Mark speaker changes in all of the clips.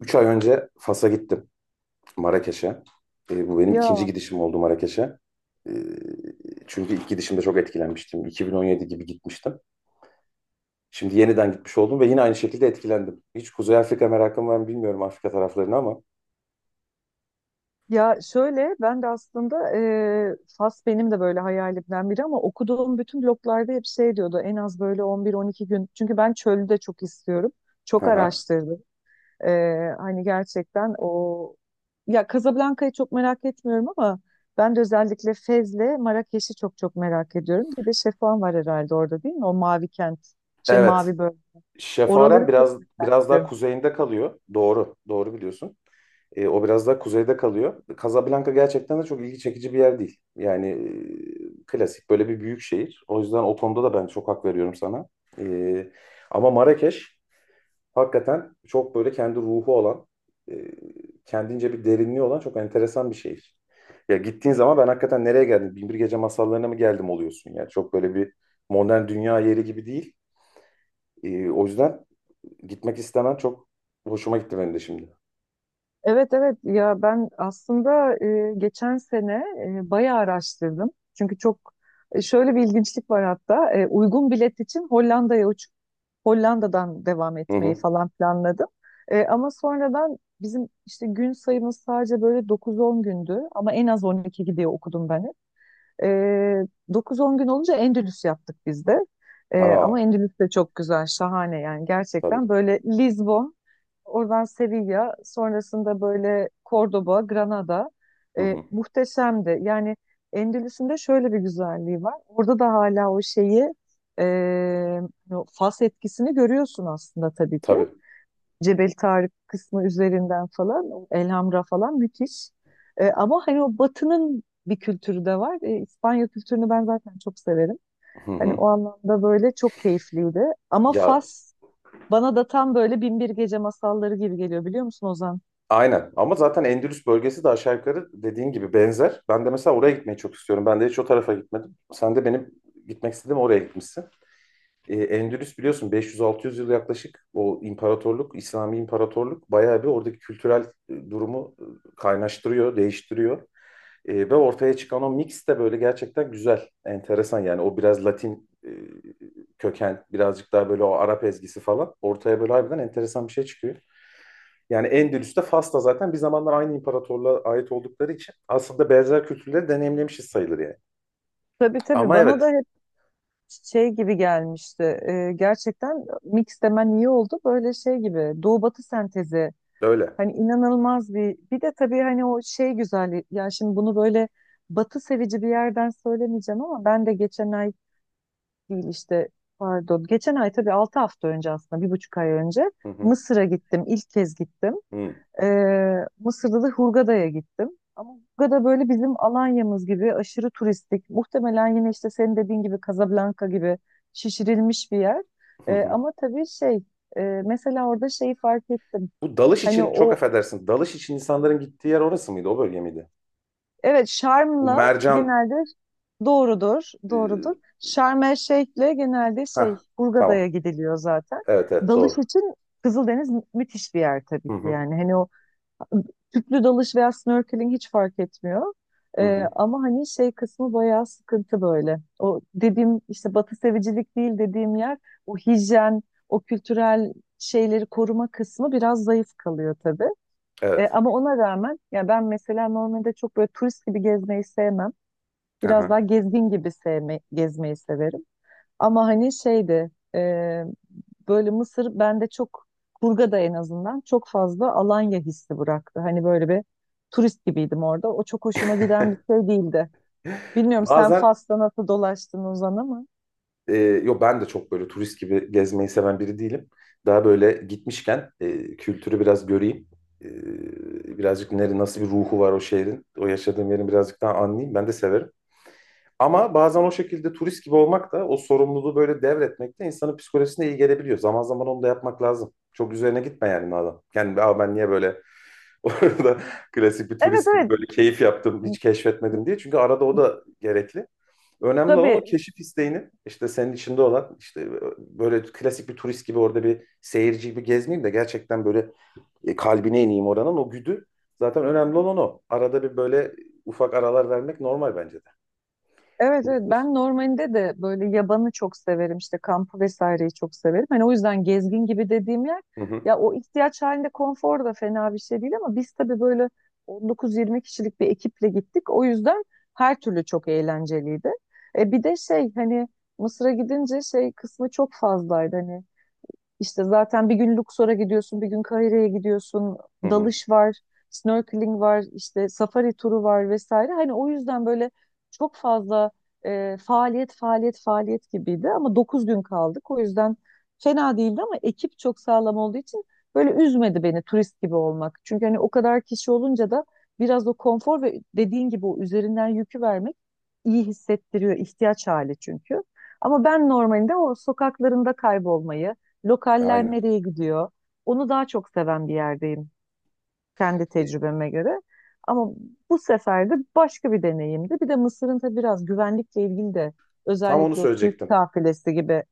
Speaker 1: Üç ay önce Fas'a gittim, Marrakeş'e. Bu benim ikinci
Speaker 2: Ya
Speaker 1: gidişim oldu Marrakeş'e. E, Çünkü ilk gidişimde çok etkilenmiştim. 2017 gibi gitmiştim. Şimdi yeniden gitmiş oldum ve yine aynı şekilde etkilendim. Hiç Kuzey Afrika merakım var mı bilmiyorum Afrika taraflarını ama.
Speaker 2: ya, şöyle ben de aslında, Fas benim de böyle hayalimden biri ama okuduğum bütün bloglarda hep şey diyordu en az böyle 11-12 gün çünkü ben çölü de çok istiyorum,
Speaker 1: Hı
Speaker 2: çok
Speaker 1: hı.
Speaker 2: araştırdım. E, Hani gerçekten o, ya Casablanca'yı çok merak etmiyorum ama ben de özellikle Fez'le Marrakeş'i çok çok merak ediyorum. Bir de Şefan var herhalde orada, değil mi? O mavi kent, şey,
Speaker 1: Evet,
Speaker 2: mavi bölge. Oraları
Speaker 1: Şefaren
Speaker 2: çok
Speaker 1: biraz
Speaker 2: merak
Speaker 1: biraz daha
Speaker 2: ediyorum.
Speaker 1: kuzeyinde kalıyor. Doğru, doğru biliyorsun. O biraz daha kuzeyde kalıyor. Casablanca gerçekten de çok ilgi çekici bir yer değil. Yani klasik böyle bir büyük şehir. O yüzden o konuda da ben çok hak veriyorum sana. E, Ama Marrakeş hakikaten çok böyle kendi ruhu olan, e, kendince bir derinliği olan çok enteresan bir şehir. Ya gittiğin zaman ben hakikaten nereye geldim? Binbir Gece Masallarına mı geldim oluyorsun yani. Çok böyle bir modern dünya yeri gibi değil. O yüzden gitmek istemem çok hoşuma gitti benim de şimdi.
Speaker 2: Evet evet, ya ben aslında, geçen sene bayağı araştırdım. Çünkü çok, şöyle bir ilginçlik var, hatta uygun bilet için Hollanda'ya uçup Hollanda'dan devam
Speaker 1: Hı
Speaker 2: etmeyi
Speaker 1: hı.
Speaker 2: falan planladım. Ama sonradan bizim işte gün sayımız sadece böyle 9-10 gündü ama en az 12 gidiyor okudum ben hep. E, 9-10 gün olunca Endülüs yaptık biz de.
Speaker 1: Aa,
Speaker 2: Ama Endülüs de çok güzel, şahane yani,
Speaker 1: tabii.
Speaker 2: gerçekten böyle Lizbon, oradan Sevilla, sonrasında böyle Cordoba, Granada.
Speaker 1: Hı hı.
Speaker 2: Muhteşemdi yani. Endülüs'ün de şöyle bir güzelliği var. Orada da hala o şeyi, e, hani o fas etkisini görüyorsun aslında tabii ki.
Speaker 1: Tabii.
Speaker 2: Cebel Tarık kısmı üzerinden falan, o Elhamra falan müthiş. Ama hani o batının bir kültürü de var. İspanya kültürünü ben zaten çok severim.
Speaker 1: Hı
Speaker 2: Hani
Speaker 1: hı.
Speaker 2: o anlamda böyle çok keyifliydi. Ama
Speaker 1: Ya
Speaker 2: Fas bana da tam böyle Bin Bir Gece masalları gibi geliyor, biliyor musun Ozan?
Speaker 1: aynen, ama zaten Endülüs bölgesi de aşağı yukarı dediğin gibi benzer. Ben de mesela oraya gitmeyi çok istiyorum. Ben de hiç o tarafa gitmedim. Sen de benim gitmek istediğim oraya gitmişsin. Endülüs biliyorsun 500-600 yıl yaklaşık o imparatorluk, İslami imparatorluk bayağı bir oradaki kültürel durumu kaynaştırıyor, değiştiriyor. Ve ortaya çıkan o mix de böyle gerçekten güzel, enteresan yani o biraz Latin köken, birazcık daha böyle o Arap ezgisi falan ortaya böyle harbiden enteresan bir şey çıkıyor. Yani Endülüs'te Fas'ta zaten bir zamanlar aynı imparatorluğa ait oldukları için aslında benzer kültürleri deneyimlemişiz sayılır yani.
Speaker 2: Tabii tabii,
Speaker 1: Ama
Speaker 2: bana da
Speaker 1: evet
Speaker 2: hep şey gibi gelmişti. Gerçekten mix demen iyi oldu. Böyle şey gibi, Doğu Batı sentezi.
Speaker 1: öyle.
Speaker 2: Hani inanılmaz bir de tabii hani o şey güzelliği. Ya şimdi bunu böyle Batı sevici bir yerden söylemeyeceğim ama ben de geçen ay değil, işte pardon. Geçen ay, tabii 6 hafta önce, aslında 1,5 ay önce
Speaker 1: Hı hı.
Speaker 2: Mısır'a gittim. İlk kez gittim.
Speaker 1: Hı
Speaker 2: Mısır'da da Hurgada'ya gittim. Ama Hurgada böyle bizim Alanya'mız gibi aşırı turistik. Muhtemelen yine işte senin dediğin gibi Casablanca gibi şişirilmiş bir yer.
Speaker 1: hı. Hı.
Speaker 2: Ama tabii şey, mesela orada şeyi fark ettim.
Speaker 1: Bu dalış
Speaker 2: Hani
Speaker 1: için, çok
Speaker 2: o,
Speaker 1: affedersin. Dalış için insanların gittiği yer orası mıydı? O bölge miydi?
Speaker 2: evet,
Speaker 1: Bu
Speaker 2: Şarm'la
Speaker 1: mercan
Speaker 2: genelde, doğrudur,
Speaker 1: e,
Speaker 2: doğrudur. Şarm El Şeyh'le genelde
Speaker 1: heh,
Speaker 2: şey Hurgada'ya
Speaker 1: tamam.
Speaker 2: gidiliyor zaten.
Speaker 1: Evet evet,
Speaker 2: Dalış
Speaker 1: doğru.
Speaker 2: için Kızıldeniz müthiş bir yer tabii
Speaker 1: Hı
Speaker 2: ki
Speaker 1: hı.
Speaker 2: yani. Hani o tüplü dalış veya snorkeling hiç fark etmiyor.
Speaker 1: Hı hı.
Speaker 2: Ama hani şey kısmı bayağı sıkıntı böyle. O dediğim işte batı sevicilik değil dediğim yer, o hijyen, o kültürel şeyleri koruma kısmı biraz zayıf kalıyor tabii.
Speaker 1: Evet.
Speaker 2: Ama ona rağmen ya ben mesela normalde çok böyle turist gibi gezmeyi sevmem. Biraz daha
Speaker 1: Aha.
Speaker 2: gezgin gibi sevme, gezmeyi severim. Ama hani şeydi, böyle Mısır bende çok, Kurga'da en azından çok fazla Alanya hissi bıraktı. Hani böyle bir turist gibiydim orada. O çok hoşuma giden bir şey değildi. Bilmiyorum sen
Speaker 1: Bazen
Speaker 2: Fas'ta nasıl dolaştın Ozan, ama.
Speaker 1: e, yo, ben de çok böyle turist gibi gezmeyi seven biri değilim. Daha böyle gitmişken kültürü biraz göreyim. Birazcık nere, nasıl bir ruhu var o şehrin, o yaşadığım yerin birazcık daha anlayayım. Ben de severim. Ama bazen o şekilde turist gibi olmak da o sorumluluğu böyle devretmek de insanın psikolojisine iyi gelebiliyor. Zaman zaman onu da yapmak lazım. Çok üzerine gitme yani madem. Yani aa, ben niye böyle orada klasik bir
Speaker 2: Evet
Speaker 1: turist gibi
Speaker 2: evet,
Speaker 1: böyle keyif yaptım, hiç keşfetmedim diye. Çünkü arada o da gerekli. Önemli olan o
Speaker 2: tabii.
Speaker 1: keşif isteğinin işte senin içinde olan işte böyle klasik bir turist gibi orada bir seyirci gibi gezmeyeyim de gerçekten böyle kalbine ineyim oranın o güdü. Zaten önemli olan o. Arada bir böyle ufak aralar vermek normal bence de.
Speaker 2: Evet evet, ben normalinde de böyle yabanı çok severim, işte kampı vesaireyi çok severim. Hani o yüzden gezgin gibi dediğim yer,
Speaker 1: Hı hı,
Speaker 2: ya o ihtiyaç halinde konfor da fena bir şey değil ama biz tabii böyle 19-20 kişilik bir ekiple gittik. O yüzden her türlü çok eğlenceliydi. E bir de şey, hani Mısır'a gidince şey kısmı çok fazlaydı, hani işte zaten bir gün Luxor'a gidiyorsun, bir gün Kahire'ye gidiyorsun.
Speaker 1: hı hı.
Speaker 2: Dalış var, snorkeling var, işte safari turu var vesaire. Hani o yüzden böyle çok fazla, faaliyet, faaliyet, faaliyet gibiydi. Ama 9 gün kaldık. O yüzden fena değildi ama ekip çok sağlam olduğu için böyle üzmedi beni turist gibi olmak. Çünkü hani o kadar kişi olunca da biraz o konfor ve dediğin gibi o üzerinden yükü vermek iyi hissettiriyor, ihtiyaç hali çünkü. Ama ben normalinde o sokaklarında kaybolmayı, lokaller
Speaker 1: Aynen.
Speaker 2: nereye gidiyor, onu daha çok seven bir yerdeyim, kendi
Speaker 1: E,
Speaker 2: tecrübeme göre. Ama bu sefer de başka bir deneyimdi. Bir de Mısır'ın tabii biraz güvenlikle ilgili de,
Speaker 1: Tam onu
Speaker 2: özellikle o turist
Speaker 1: söyleyecektim.
Speaker 2: kafilesi gibi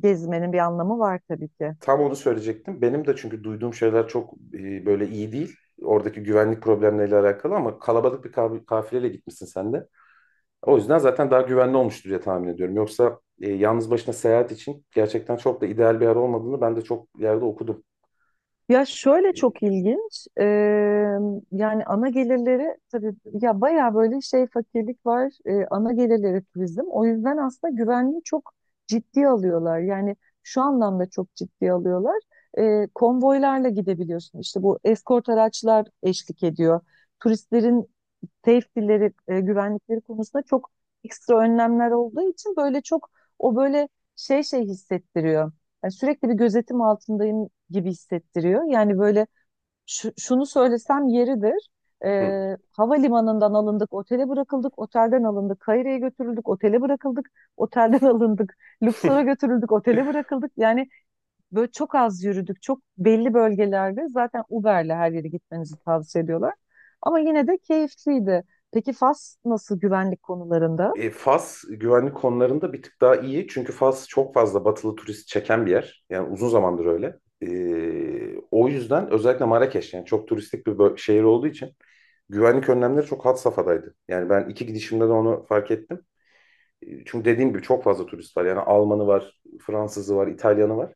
Speaker 2: gezmenin bir anlamı var tabii ki.
Speaker 1: Tam onu söyleyecektim. Benim de çünkü duyduğum şeyler çok böyle iyi değil. Oradaki güvenlik problemleriyle alakalı ama kalabalık bir kafileyle gitmişsin sen de. O yüzden zaten daha güvenli olmuştur diye tahmin ediyorum. Yoksa yalnız başına seyahat için gerçekten çok da ideal bir yer olmadığını ben de çok yerde okudum.
Speaker 2: Ya şöyle,
Speaker 1: E,
Speaker 2: çok ilginç. Yani ana gelirleri tabii, ya bayağı böyle şey fakirlik var. Ana gelirleri turizm. O yüzden aslında güvenliği çok ciddiye alıyorlar. Yani şu anlamda çok ciddiye alıyorlar. Konvoylarla gidebiliyorsun. İşte bu eskort araçlar eşlik ediyor. Turistlerin safety'leri, güvenlikleri konusunda çok ekstra önlemler olduğu için böyle çok, o böyle şey şey hissettiriyor. Yani sürekli bir gözetim altındayım gibi hissettiriyor. Yani böyle şunu söylesem yeridir. E,
Speaker 1: hı.
Speaker 2: Havalimanından alındık, otele bırakıldık, otelden alındık, Kahire'ye götürüldük, otele bırakıldık, otelden alındık, Luxor'a götürüldük, otele bırakıldık. Yani böyle çok az yürüdük. Çok belli bölgelerde zaten Uber'le her yere gitmenizi tavsiye ediyorlar. Ama yine de keyifliydi. Peki Fas nasıl güvenlik konularında?
Speaker 1: Fas güvenlik konularında bir tık daha iyi. Çünkü Fas çok fazla batılı turist çeken bir yer. Yani uzun zamandır öyle. O yüzden özellikle Marrakeş yani çok turistik bir şehir olduğu için güvenlik önlemleri çok had safhadaydı. Yani ben iki gidişimde de onu fark ettim. Çünkü dediğim gibi çok fazla turist var. Yani Almanı var, Fransızı var, İtalyanı var.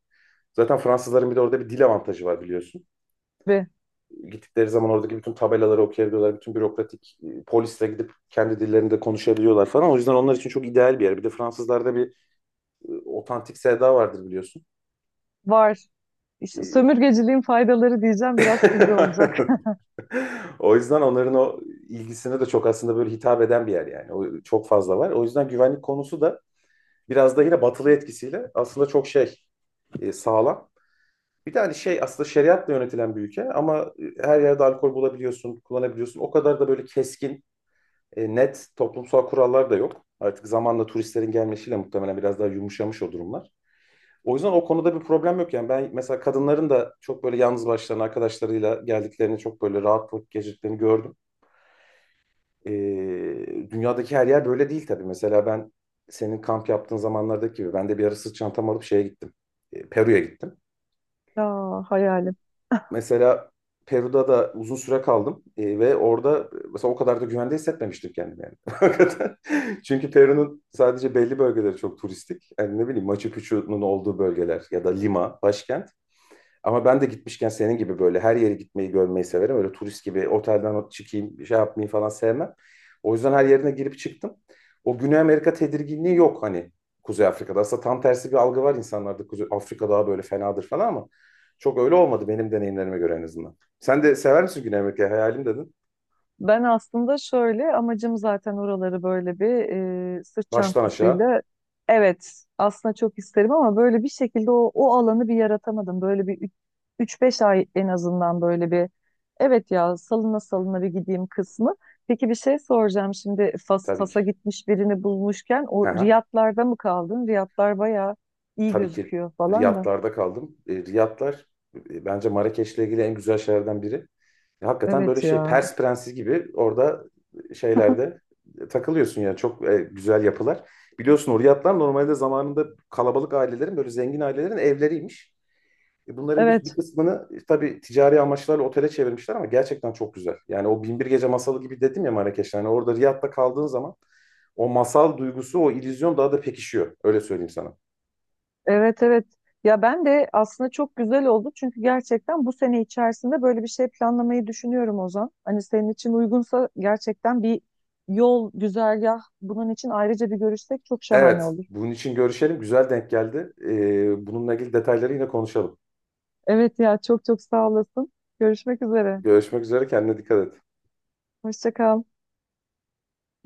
Speaker 1: Zaten Fransızların bir de orada bir dil avantajı var biliyorsun.
Speaker 2: Ve
Speaker 1: Gittikleri zaman oradaki bütün tabelaları okuyabiliyorlar. Bütün bürokratik polisle gidip kendi dillerinde konuşabiliyorlar falan. O yüzden onlar için çok ideal bir yer. Bir de Fransızlarda bir otantik sevda vardır biliyorsun.
Speaker 2: var. İşte
Speaker 1: E,
Speaker 2: sömürgeciliğin faydaları diyeceğim, biraz sivri olacak.
Speaker 1: O yüzden onların o ilgisine de çok aslında böyle hitap eden bir yer yani. O çok fazla var. O yüzden güvenlik konusu da biraz da yine batılı etkisiyle aslında çok şey sağlam. Bir de hani şey aslında şeriatla yönetilen bir ülke ama her yerde alkol bulabiliyorsun, kullanabiliyorsun. O kadar da böyle keskin, net toplumsal kurallar da yok. Artık zamanla turistlerin gelmesiyle muhtemelen biraz daha yumuşamış o durumlar. O yüzden o konuda bir problem yok yani. Ben mesela kadınların da çok böyle yalnız başlarına arkadaşlarıyla geldiklerini, çok böyle rahatlık geçirdiklerini gördüm. E, Dünyadaki her yer böyle değil tabii. Mesela ben senin kamp yaptığın zamanlardaki gibi ben de bir ara sırt çantam alıp şeye gittim. Peru'ya gittim.
Speaker 2: Ya hayalim.
Speaker 1: Mesela Peru'da da uzun süre kaldım. Ve orada mesela o kadar da güvende hissetmemiştim kendimi yani. Hakikaten. Çünkü Peru'nun sadece belli bölgeleri çok turistik. Yani ne bileyim Machu Picchu'nun olduğu bölgeler ya da Lima, başkent. Ama ben de gitmişken senin gibi böyle her yere gitmeyi görmeyi severim. Öyle turist gibi otelden çıkayım, şey yapmayı falan sevmem. O yüzden her yerine girip çıktım. O Güney Amerika tedirginliği yok hani Kuzey Afrika'da. Aslında tam tersi bir algı var insanlarda. Kuzey Afrika daha böyle fenadır falan ama çok öyle olmadı benim deneyimlerime göre en azından. Sen de sever misin Güney Amerika'yı? Hayalim dedin.
Speaker 2: Ben aslında şöyle, amacım zaten oraları böyle bir, sırt
Speaker 1: Baştan aşağı
Speaker 2: çantasıyla, evet aslında çok isterim ama böyle bir şekilde o alanı bir yaratamadım. Böyle bir üç beş ay en azından, böyle bir evet ya salına salına bir gideyim kısmı. Peki bir şey soracağım şimdi, Fas,
Speaker 1: tabii
Speaker 2: Fas'a
Speaker 1: ki.
Speaker 2: gitmiş birini bulmuşken,
Speaker 1: Hı
Speaker 2: o
Speaker 1: hı.
Speaker 2: Riyadlar'da mı kaldın? Riyadlar bayağı iyi
Speaker 1: Tabii ki
Speaker 2: gözüküyor falan da.
Speaker 1: Riyadlar'da kaldım. Riyadlar bence Marrakeş'le ilgili en güzel şeylerden biri. Hakikaten böyle
Speaker 2: Evet
Speaker 1: şey
Speaker 2: ya.
Speaker 1: Pers prensi gibi orada şeylerde takılıyorsun yani çok güzel yapılar. Biliyorsun o Riyadlar normalde zamanında kalabalık ailelerin böyle zengin ailelerin evleriymiş. Bunların bir
Speaker 2: Evet.
Speaker 1: kısmını tabii ticari amaçlarla otele çevirmişler ama gerçekten çok güzel. Yani o Binbir Gece masalı gibi dedim ya Marrakeş'te. Yani orada Riyad'da kaldığın zaman o masal duygusu, o illüzyon daha da pekişiyor. Öyle söyleyeyim sana.
Speaker 2: Evet evet. Ya ben de aslında çok güzel oldu çünkü gerçekten bu sene içerisinde böyle bir şey planlamayı düşünüyorum Ozan. Hani senin için uygunsa gerçekten bir yol, güzergah bunun için ayrıca bir görüşsek çok şahane
Speaker 1: Evet,
Speaker 2: olur.
Speaker 1: bunun için görüşelim. Güzel denk geldi. Bununla ilgili detayları yine konuşalım.
Speaker 2: Evet ya, çok çok sağ olasın. Görüşmek üzere.
Speaker 1: Görüşmek üzere, kendine dikkat et.
Speaker 2: Hoşça kal.